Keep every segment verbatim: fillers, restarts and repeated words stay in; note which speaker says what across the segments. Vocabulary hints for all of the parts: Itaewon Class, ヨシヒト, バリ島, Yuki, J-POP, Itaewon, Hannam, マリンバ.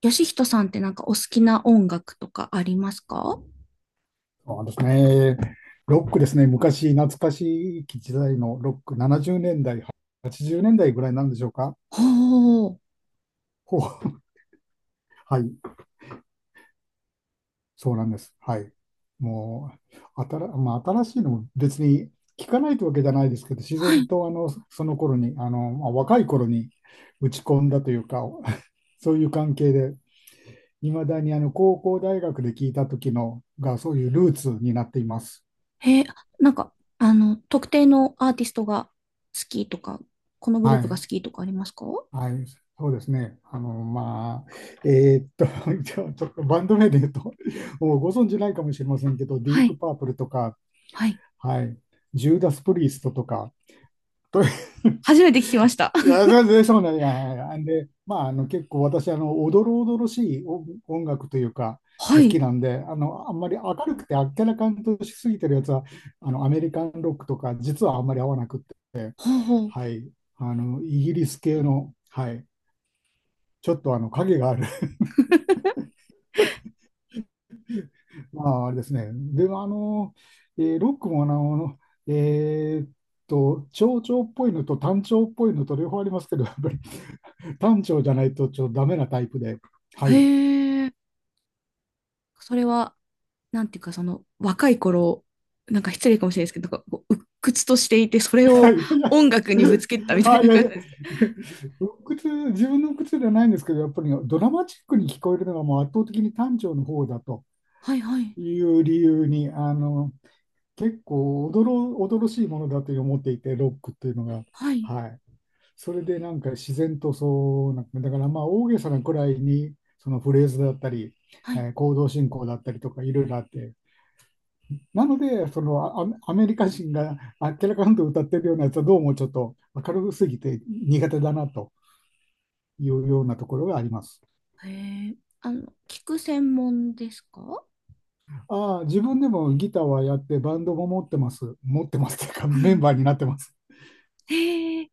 Speaker 1: ヨシヒトさんってなんかお好きな音楽とかありますか？
Speaker 2: そうですね。ロックですね。昔、懐かしい時代のロック、ななじゅうねんだい、はちじゅうねんだいぐらいなんでしょうか。
Speaker 1: ほう。
Speaker 2: ほう はい、そうなんです。はい。もう、あたら、まあ、新しいのも別に聞かないというわけじゃないですけど、自
Speaker 1: は
Speaker 2: 然
Speaker 1: い。
Speaker 2: とあのその頃に、あの、まあ、若い頃に打ち込んだというか、そういう関係で、いまだにあの高校大学で聞いた時のが、そういうルーツになっています。
Speaker 1: へえ、なんか、あの、特定のアーティストが好きとか、このグル
Speaker 2: は
Speaker 1: ープが好
Speaker 2: い。
Speaker 1: きとかありますか？
Speaker 2: はい、そうですね。あの、まあ、えーっと、じゃあちょっとバンド名で言うと、もうご存知ないかもしれませんけど、ディ
Speaker 1: は
Speaker 2: ープ
Speaker 1: い。
Speaker 2: パープルとか、
Speaker 1: はい。
Speaker 2: はい、ジューダス・プリーストとか、と い
Speaker 1: 初めて聞きました。
Speaker 2: や、全然ょうなんや。で、まあ、あの、結構私、あの、おどろおどろしい音音楽というか、
Speaker 1: は
Speaker 2: 好き
Speaker 1: い。
Speaker 2: なんで、あの、あんまり明るくてあっけらかんとしすぎてるやつは、あの、アメリカンロックとか、実はあんまり合わなくって、
Speaker 1: ほうほう。
Speaker 2: はい、あの、イギリス系の、はい、ちょっとあの、影がある まあ、あれですね。でも、あの、えーロックも、あの、えーっと、長調っぽいのと短調っぽいのと両方ありますけど、やっぱり短調じゃないとちょっとダメなタイプで。はい。
Speaker 1: へえ。それは、なんていうか、その、若い頃、なんか失礼かもしれないですけど、なんかこう、鬱屈としていて、それ
Speaker 2: はい、
Speaker 1: を
Speaker 2: いやいや。
Speaker 1: 音楽にぶつけたみた
Speaker 2: あ、
Speaker 1: い
Speaker 2: い
Speaker 1: な
Speaker 2: やい
Speaker 1: 感じ
Speaker 2: や。
Speaker 1: なんですか？
Speaker 2: ロックツー自分の靴ではないんですけど、やっぱりドラマチックに聞こえるのがもう圧倒的に短調の方だと
Speaker 1: はいはい。
Speaker 2: いう理由に、あの、結構驚、驚しいものだと思っていて、ロックっていうのが。
Speaker 1: はい。
Speaker 2: はい。それでなんか自然とそうなんか、だからまあ大げさなくらいにそのフレーズだったり、
Speaker 1: は
Speaker 2: え
Speaker 1: い。
Speaker 2: ー行動進行だったりとかいろいろあって、なのでそのア、アメリカ人があっけらかんと歌ってるようなやつはどうもちょっと明るすぎて苦手だなというようなところがあります。
Speaker 1: へえ、あの、聞く専門ですか？
Speaker 2: ああ、自分でもギターはやってバンドも持ってます。持ってますというか
Speaker 1: う
Speaker 2: メン
Speaker 1: ん。
Speaker 2: バーになってます。
Speaker 1: へえ、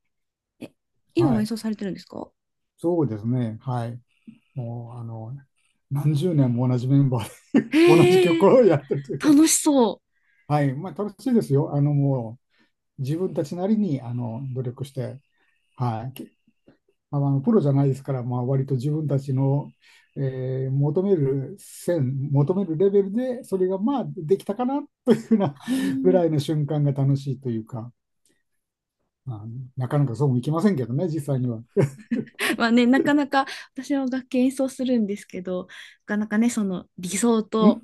Speaker 1: え、今
Speaker 2: は
Speaker 1: も演
Speaker 2: い。
Speaker 1: 奏されてるんですか？
Speaker 2: そうですね。はい。もうあの、何十年も同じメンバーで同じ
Speaker 1: へ
Speaker 2: 曲
Speaker 1: え、
Speaker 2: をやってるというか、
Speaker 1: 楽しそう。
Speaker 2: はい、まあ、楽しいですよ。あの、もう、自分たちなりに、あの、努力して、はい。けまあの、プロじゃないですから、まあ、割と自分たちの、えー求める線、求めるレベルで、それが、まあ、できたかな、というふうな
Speaker 1: ほ
Speaker 2: ぐら
Speaker 1: う。
Speaker 2: いの瞬間が楽しいというか、まあのなかなかそうもいきませんけどね、実際には。ん
Speaker 1: まあね、なかなか。私は楽器演奏するんですけど、なかなかね、その理想と、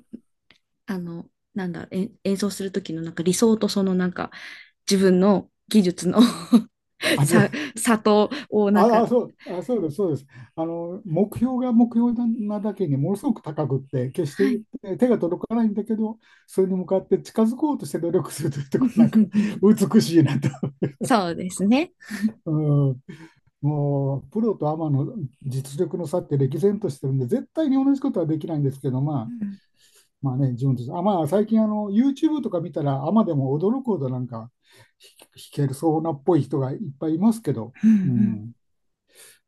Speaker 1: あの、なんだろう、えん演奏する時のなんか理想とそのなんか自分の技術の
Speaker 2: あ、違
Speaker 1: 差、
Speaker 2: う
Speaker 1: 差とをなん
Speaker 2: あ
Speaker 1: か、
Speaker 2: あ、そう、あ、そうです、そうです。あの、目標が目標なだけにものすごく高くって、決し
Speaker 1: は
Speaker 2: て
Speaker 1: い。
Speaker 2: え手が届かないんだけど、それに向かって近づこうとして努力するというところなんか 美しいなと。
Speaker 1: そうですね。
Speaker 2: うん、もう、プロとアマの実力の差って歴然としてるんで、絶対に同じことはできないんですけど、
Speaker 1: う
Speaker 2: まあ、
Speaker 1: ん。
Speaker 2: まあね、自分たち、あ、まあ、最近あの、YouTube とか見たら、アマでも驚くほどなんか、ひ弾けるそうなっぽい人がいっぱいいますけど、
Speaker 1: う
Speaker 2: う
Speaker 1: ん。
Speaker 2: ん。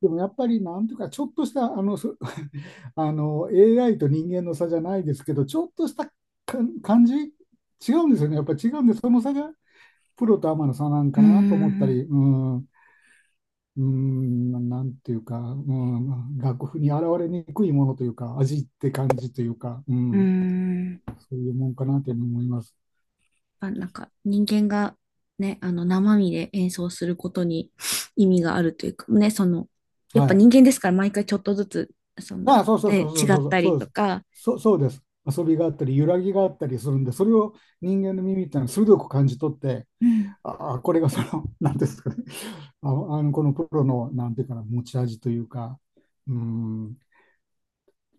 Speaker 2: でもやっぱりなんていうか、ちょっとしたあのそあの エーアイ と人間の差じゃないですけど、ちょっとしたか感じ、違うんですよね、やっぱ違うんで、その差がプロとアマの差なん
Speaker 1: う
Speaker 2: か
Speaker 1: ん。う
Speaker 2: なと思った
Speaker 1: ー
Speaker 2: り、
Speaker 1: ん。
Speaker 2: うん、うーん、なんていうか、うん、楽譜に現れにくいものというか、味って感じというか、う
Speaker 1: うー
Speaker 2: ん、
Speaker 1: ん。
Speaker 2: そういうもんかなと思います。
Speaker 1: あ、なんか人間がね、あの生身で演奏することに 意味があるというかね、その、やっ
Speaker 2: は
Speaker 1: ぱ
Speaker 2: い。
Speaker 1: 人間ですから毎回ちょっとずつ、そ
Speaker 2: あ
Speaker 1: の
Speaker 2: あ、そうそうそ
Speaker 1: ね、
Speaker 2: うそ
Speaker 1: 違
Speaker 2: うそ
Speaker 1: っ
Speaker 2: うそう
Speaker 1: た
Speaker 2: そ
Speaker 1: り
Speaker 2: うで
Speaker 1: と
Speaker 2: す。
Speaker 1: か、
Speaker 2: そうそうです。遊びがあったり、揺らぎがあったりするんで、それを人間の耳ってのは鋭く感じ取って、
Speaker 1: うん、
Speaker 2: ああ、これがその、なんていうんですかね、ああのこのプロの、なんていうかな、持ち味というか、うん、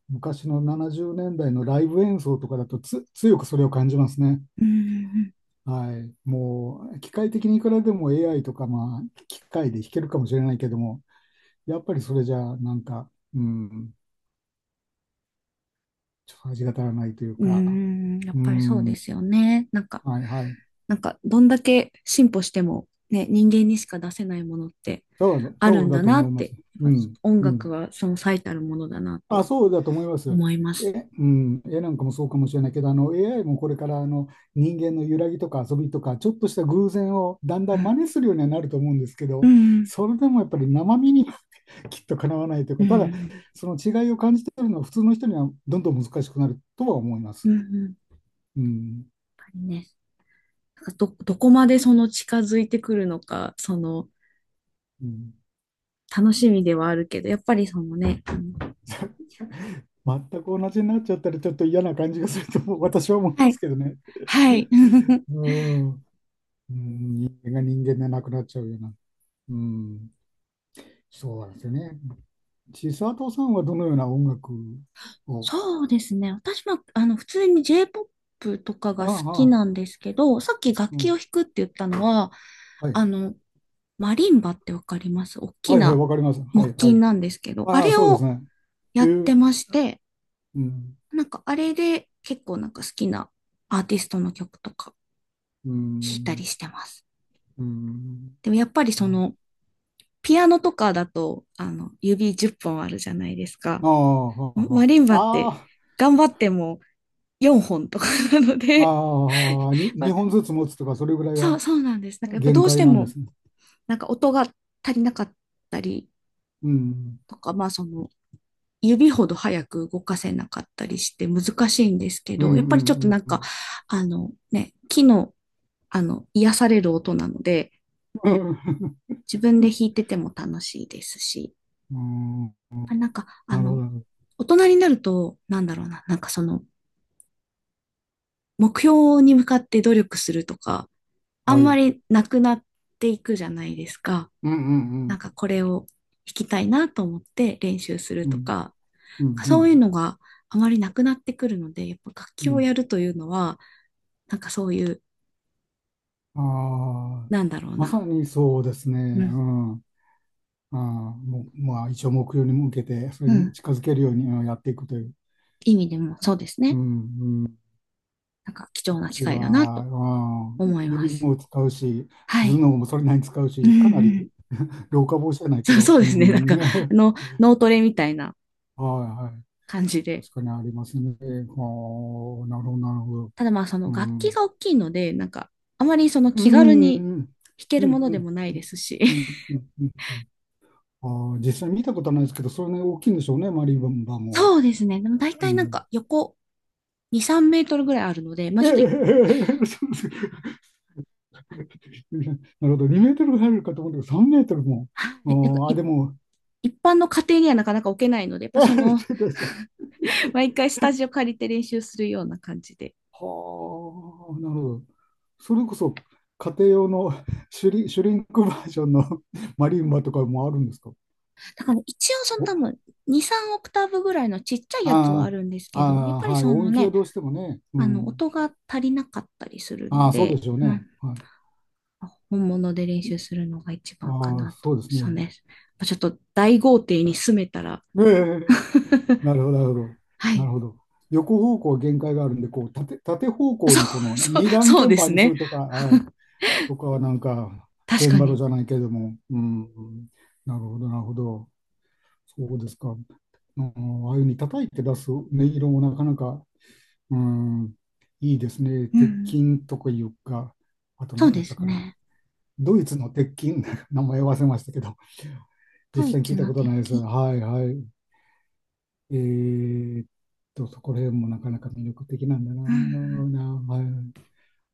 Speaker 2: 昔のななじゅうねんだいのライブ演奏とかだとつ、強くそれを感じますね。
Speaker 1: うん、
Speaker 2: はい、もう、機械的にいくらでも エーアイ とか、まあ、機械で弾けるかもしれないけども、やっぱりそれじゃ、なんか、うん、ちょっと味が足らないという
Speaker 1: う
Speaker 2: か、
Speaker 1: ん、うん、やっ
Speaker 2: う
Speaker 1: ぱりそう
Speaker 2: ん、
Speaker 1: ですよね。なんか、
Speaker 2: はいはい、
Speaker 1: なんかどんだけ進歩してもね、人間にしか出せないものって
Speaker 2: そうだ、
Speaker 1: ある
Speaker 2: そう
Speaker 1: ん
Speaker 2: だ
Speaker 1: だ
Speaker 2: と
Speaker 1: な
Speaker 2: 思
Speaker 1: っ
Speaker 2: います。
Speaker 1: て、
Speaker 2: う
Speaker 1: やっぱ
Speaker 2: ん、
Speaker 1: 音
Speaker 2: う
Speaker 1: 楽
Speaker 2: ん。
Speaker 1: はその最たるものだな
Speaker 2: あ、
Speaker 1: と
Speaker 2: そうだと思います。
Speaker 1: 思います。
Speaker 2: え、うん、絵なんかもそうかもしれないけど、あの エーアイ もこれからあの人間の揺らぎとか遊びとか、ちょっとした偶然をだんだ
Speaker 1: う
Speaker 2: ん真
Speaker 1: ん、
Speaker 2: 似するようにはなると思うんですけ
Speaker 1: う
Speaker 2: ど、
Speaker 1: ん、
Speaker 2: それでもやっぱり生身には きっとかなわないという
Speaker 1: う
Speaker 2: か、ただ、
Speaker 1: ん、
Speaker 2: その違いを感じてるのは普通の人にはどんどん難しくなるとは思いま
Speaker 1: うん、
Speaker 2: す。
Speaker 1: うん、やっ
Speaker 2: うん、
Speaker 1: ぱりね。なんかど、どこまでその近づいてくるのか、その
Speaker 2: うん
Speaker 1: 楽しみではあるけど、やっぱりそのね、あの、
Speaker 2: 全く同じになっちゃったらちょっと嫌な感じがするとも私は思い
Speaker 1: は
Speaker 2: ま
Speaker 1: い。
Speaker 2: すけどね。
Speaker 1: はい。
Speaker 2: うん、うん人間が人間でなくなっちゃうような。うんそうなんですよね。千里さんはどのような音楽を。
Speaker 1: そうですね。私は、あの、普通に J-ピーオーピー とかが好
Speaker 2: ああ、
Speaker 1: きなん
Speaker 2: ああ
Speaker 1: ですけど、さっき楽
Speaker 2: う
Speaker 1: 器を
Speaker 2: ん。
Speaker 1: 弾くって言ったのは、
Speaker 2: はい。
Speaker 1: あの、マリンバってわかります？大き
Speaker 2: はいはい、
Speaker 1: な
Speaker 2: わかります。は
Speaker 1: 木
Speaker 2: い、は
Speaker 1: 琴
Speaker 2: い。
Speaker 1: なんですけど、あ
Speaker 2: ああ、
Speaker 1: れ
Speaker 2: そうです
Speaker 1: を
Speaker 2: ね。
Speaker 1: や
Speaker 2: え
Speaker 1: って
Speaker 2: ー、
Speaker 1: まして、
Speaker 2: うん、
Speaker 1: なんかあれで結構なんか好きなアーティストの曲とか
Speaker 2: う
Speaker 1: 弾いたり
Speaker 2: ん、
Speaker 1: してます。
Speaker 2: うん。
Speaker 1: でもやっぱりそ
Speaker 2: あ
Speaker 1: の、ピアノとかだと、あの、指じゅっぽんあるじゃないですか。
Speaker 2: あ、は
Speaker 1: マリンバって
Speaker 2: あ、
Speaker 1: 頑張ってもよんほんとかなの
Speaker 2: あ
Speaker 1: で、
Speaker 2: あ、ああ、に、
Speaker 1: まあ、
Speaker 2: にほんずつ持つとか、それぐらい
Speaker 1: そう、
Speaker 2: が
Speaker 1: そうなんです。なんかやっぱ
Speaker 2: 限
Speaker 1: どうし
Speaker 2: 界
Speaker 1: て
Speaker 2: なんで
Speaker 1: も、
Speaker 2: すね。
Speaker 1: なんか音が足りなかったり
Speaker 2: うん、
Speaker 1: とか、まあその、指ほど早く動かせなかったりして難しいんですけ
Speaker 2: うん、
Speaker 1: ど、やっぱり
Speaker 2: う
Speaker 1: ちょっとな
Speaker 2: ん、
Speaker 1: ん
Speaker 2: う
Speaker 1: か、
Speaker 2: ん。
Speaker 1: あのね、木の、あの、癒される音なので、
Speaker 2: うん、
Speaker 1: 自分で弾いてても楽しいですし、
Speaker 2: うんう
Speaker 1: あ、
Speaker 2: ん
Speaker 1: なんか、あ
Speaker 2: なるほ
Speaker 1: の、
Speaker 2: ど。
Speaker 1: 大人になると、なんだろうな、なんかその、目標に向かって努力するとか、あ
Speaker 2: は
Speaker 1: んま
Speaker 2: い。
Speaker 1: りなくなっていくじゃないですか。
Speaker 2: うん、う
Speaker 1: な
Speaker 2: ん、
Speaker 1: ん
Speaker 2: う
Speaker 1: か
Speaker 2: ん、
Speaker 1: これを弾きたいなと思って練習す
Speaker 2: う
Speaker 1: ると
Speaker 2: ん、
Speaker 1: か、
Speaker 2: う
Speaker 1: そういう
Speaker 2: ん、
Speaker 1: のがあまりなくなってくるので、やっぱ楽
Speaker 2: う
Speaker 1: 器をや
Speaker 2: ん。
Speaker 1: るというのは、なんかそういう、
Speaker 2: ああ、
Speaker 1: なんだろう
Speaker 2: まさ
Speaker 1: な。
Speaker 2: にそうですね。
Speaker 1: う
Speaker 2: う
Speaker 1: ん。
Speaker 2: ん。ああ、もう、まあ、一応目標に向けて、それ
Speaker 1: う
Speaker 2: に
Speaker 1: ん。
Speaker 2: 近づけるようにうんやっていくという。
Speaker 1: 意味でもそうです
Speaker 2: う
Speaker 1: ね。
Speaker 2: ん、うん。
Speaker 1: なんか貴
Speaker 2: さ
Speaker 1: 重
Speaker 2: っ
Speaker 1: な機
Speaker 2: き
Speaker 1: 会だな
Speaker 2: は、
Speaker 1: と
Speaker 2: うん、
Speaker 1: 思いま
Speaker 2: 指
Speaker 1: す。
Speaker 2: も使うし、
Speaker 1: は
Speaker 2: 頭
Speaker 1: い。
Speaker 2: 脳もそれなりに使う
Speaker 1: うん、
Speaker 2: し、かな
Speaker 1: うん。
Speaker 2: り 老化防止じゃないけ
Speaker 1: そう、そ
Speaker 2: ど、
Speaker 1: うで
Speaker 2: う
Speaker 1: すね。
Speaker 2: ん、
Speaker 1: なんか、
Speaker 2: ね。は
Speaker 1: あ
Speaker 2: い
Speaker 1: の、脳トレみたいな
Speaker 2: はい。
Speaker 1: 感じで。
Speaker 2: 確かにありますね。はあ、なるほど、なるほど。
Speaker 1: ただまあその
Speaker 2: う
Speaker 1: 楽器
Speaker 2: ん。
Speaker 1: が大きいので、なんかあまりその
Speaker 2: う
Speaker 1: 気軽に
Speaker 2: ん、うん、
Speaker 1: 弾け
Speaker 2: う
Speaker 1: る
Speaker 2: ん、
Speaker 1: ものでもな
Speaker 2: う
Speaker 1: いで
Speaker 2: ん、
Speaker 1: すし。
Speaker 2: うん、う ん、うん。うんうんあー実際見たことはないですけど、それね大きいんでしょうね、マリンバも。
Speaker 1: そうですね。でも大
Speaker 2: う
Speaker 1: 体なん
Speaker 2: ん、
Speaker 1: か横に、さんメートルぐらいあるので、ま あ
Speaker 2: え
Speaker 1: ち
Speaker 2: え
Speaker 1: ょっと
Speaker 2: そ
Speaker 1: い、
Speaker 2: うですなるほど、にメートル入るかと思ったけど、さんメートルも。
Speaker 1: は
Speaker 2: あ
Speaker 1: い、なんか
Speaker 2: ーあ、
Speaker 1: い
Speaker 2: でも、
Speaker 1: 一般の家庭にはなかなか置けないので、やっぱその、
Speaker 2: えっ
Speaker 1: 毎回スタジオ借りて練習するような感じで。
Speaker 2: はあ、なるほど。それこそ、家庭用のシュリ、シュリンクバージョンの マリンバとかもあるんですか。
Speaker 1: だから一応その
Speaker 2: お、
Speaker 1: 多分に、さんオクターブぐらいのちっちゃいやつはあ
Speaker 2: あー
Speaker 1: るんですけど、やっ
Speaker 2: あ
Speaker 1: ぱ
Speaker 2: ー、
Speaker 1: り
Speaker 2: はい、
Speaker 1: そ
Speaker 2: 音
Speaker 1: の
Speaker 2: 域が
Speaker 1: ね、
Speaker 2: どうしてもね。う
Speaker 1: あの
Speaker 2: ん、
Speaker 1: 音が足りなかったりする
Speaker 2: あ
Speaker 1: の
Speaker 2: あ、そうで
Speaker 1: で、
Speaker 2: しょう
Speaker 1: まあ
Speaker 2: ね。はい、
Speaker 1: 本物で練習するのが一番か
Speaker 2: ああ、
Speaker 1: なと。
Speaker 2: そうです
Speaker 1: そ
Speaker 2: ね。
Speaker 1: うね。まちょっと大豪邸に住めたら。
Speaker 2: ええ なるほど、なるほど。
Speaker 1: は
Speaker 2: なる
Speaker 1: い。
Speaker 2: ほど。横方向は限界があるんで、こう縦、縦方向
Speaker 1: そう、
Speaker 2: にこの
Speaker 1: そう、
Speaker 2: 二段
Speaker 1: そう
Speaker 2: 鍵
Speaker 1: です
Speaker 2: 盤にす
Speaker 1: ね。
Speaker 2: るとか、あ、とかはなんか、チ
Speaker 1: 確
Speaker 2: ェン
Speaker 1: か
Speaker 2: バロ
Speaker 1: に。
Speaker 2: じゃないけれども、うん、なるほど、なるほど。そうですか。うん、ああいうふうに叩いて出す音色もなかなか、うん、いいですね。
Speaker 1: う
Speaker 2: 鉄
Speaker 1: ん。
Speaker 2: 筋とかいうか、あと
Speaker 1: そう
Speaker 2: 何だ
Speaker 1: で
Speaker 2: った
Speaker 1: す
Speaker 2: かな。
Speaker 1: ね。
Speaker 2: ドイツの鉄筋、名前忘れましたけど、実
Speaker 1: ドイ
Speaker 2: 際に聞
Speaker 1: ツ
Speaker 2: いた
Speaker 1: の
Speaker 2: ことないです。
Speaker 1: 敵。
Speaker 2: はいはい。えーっと、そこら辺もなかなか魅力的なんだな
Speaker 1: うん。
Speaker 2: ぁ、はい。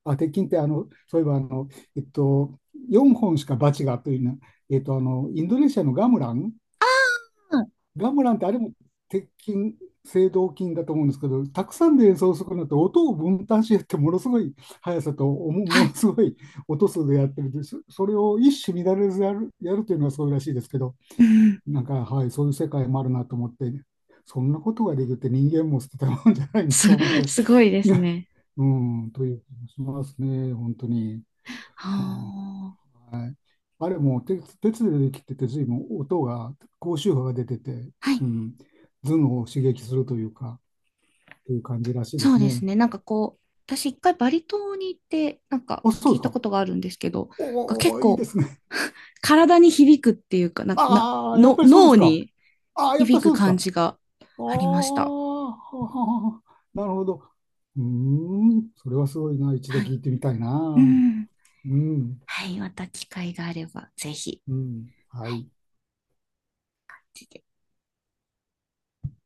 Speaker 2: あ、鉄筋って、あの、そういえば、あの、えっと、よんほんしかバチがというな、えっと、あの、インドネシアのガムラン、
Speaker 1: ああ、
Speaker 2: ガムランってあれも鉄筋、青銅筋だと思うんですけど、たくさんで演奏するのって音を分担してやって、ものすごい速さと、おも、
Speaker 1: は
Speaker 2: もの
Speaker 1: い。
Speaker 2: すごい音数でやってるんです。それを一糸乱れずやる、やるというのはそうらしいですけど、
Speaker 1: うん。
Speaker 2: なんか、はい、そういう世界もあるなと思って、そんなことができるって人間も捨てたもんじゃないな
Speaker 1: す、
Speaker 2: と思って、
Speaker 1: すごいです ね。
Speaker 2: うん、という気がしますね、本当に。
Speaker 1: は
Speaker 2: ま
Speaker 1: あ。
Speaker 2: あ、あれもう鉄鉄でできてて、随分音が、高周波が出てて、
Speaker 1: はい。
Speaker 2: うん、頭脳を刺激するというか、という感じらしいで
Speaker 1: そう
Speaker 2: す
Speaker 1: で
Speaker 2: ね。
Speaker 1: すね。なんかこう、私一回バリ島に行って、なんか
Speaker 2: あ、そう
Speaker 1: 聞
Speaker 2: で
Speaker 1: い
Speaker 2: す
Speaker 1: たこ
Speaker 2: か。
Speaker 1: とがあるんですけど、な
Speaker 2: お
Speaker 1: んか
Speaker 2: ー
Speaker 1: 結
Speaker 2: おー、いいで
Speaker 1: 構
Speaker 2: すね。
Speaker 1: 体に響くっていうか、なんかな、
Speaker 2: ああ、やっ
Speaker 1: の、
Speaker 2: ぱりそうで
Speaker 1: 脳
Speaker 2: すか。
Speaker 1: に
Speaker 2: ああ、やっぱ
Speaker 1: 響
Speaker 2: りそ
Speaker 1: く
Speaker 2: うです
Speaker 1: 感
Speaker 2: か。
Speaker 1: じが
Speaker 2: ああ、
Speaker 1: ありました。
Speaker 2: はははなるほど。うーん、それはすごいな。一度
Speaker 1: はい。
Speaker 2: 聞いてみたい
Speaker 1: う
Speaker 2: な。
Speaker 1: ん。
Speaker 2: うん、
Speaker 1: はい。また機会があれば、ぜひ。
Speaker 2: うん、は
Speaker 1: は
Speaker 2: い。
Speaker 1: い。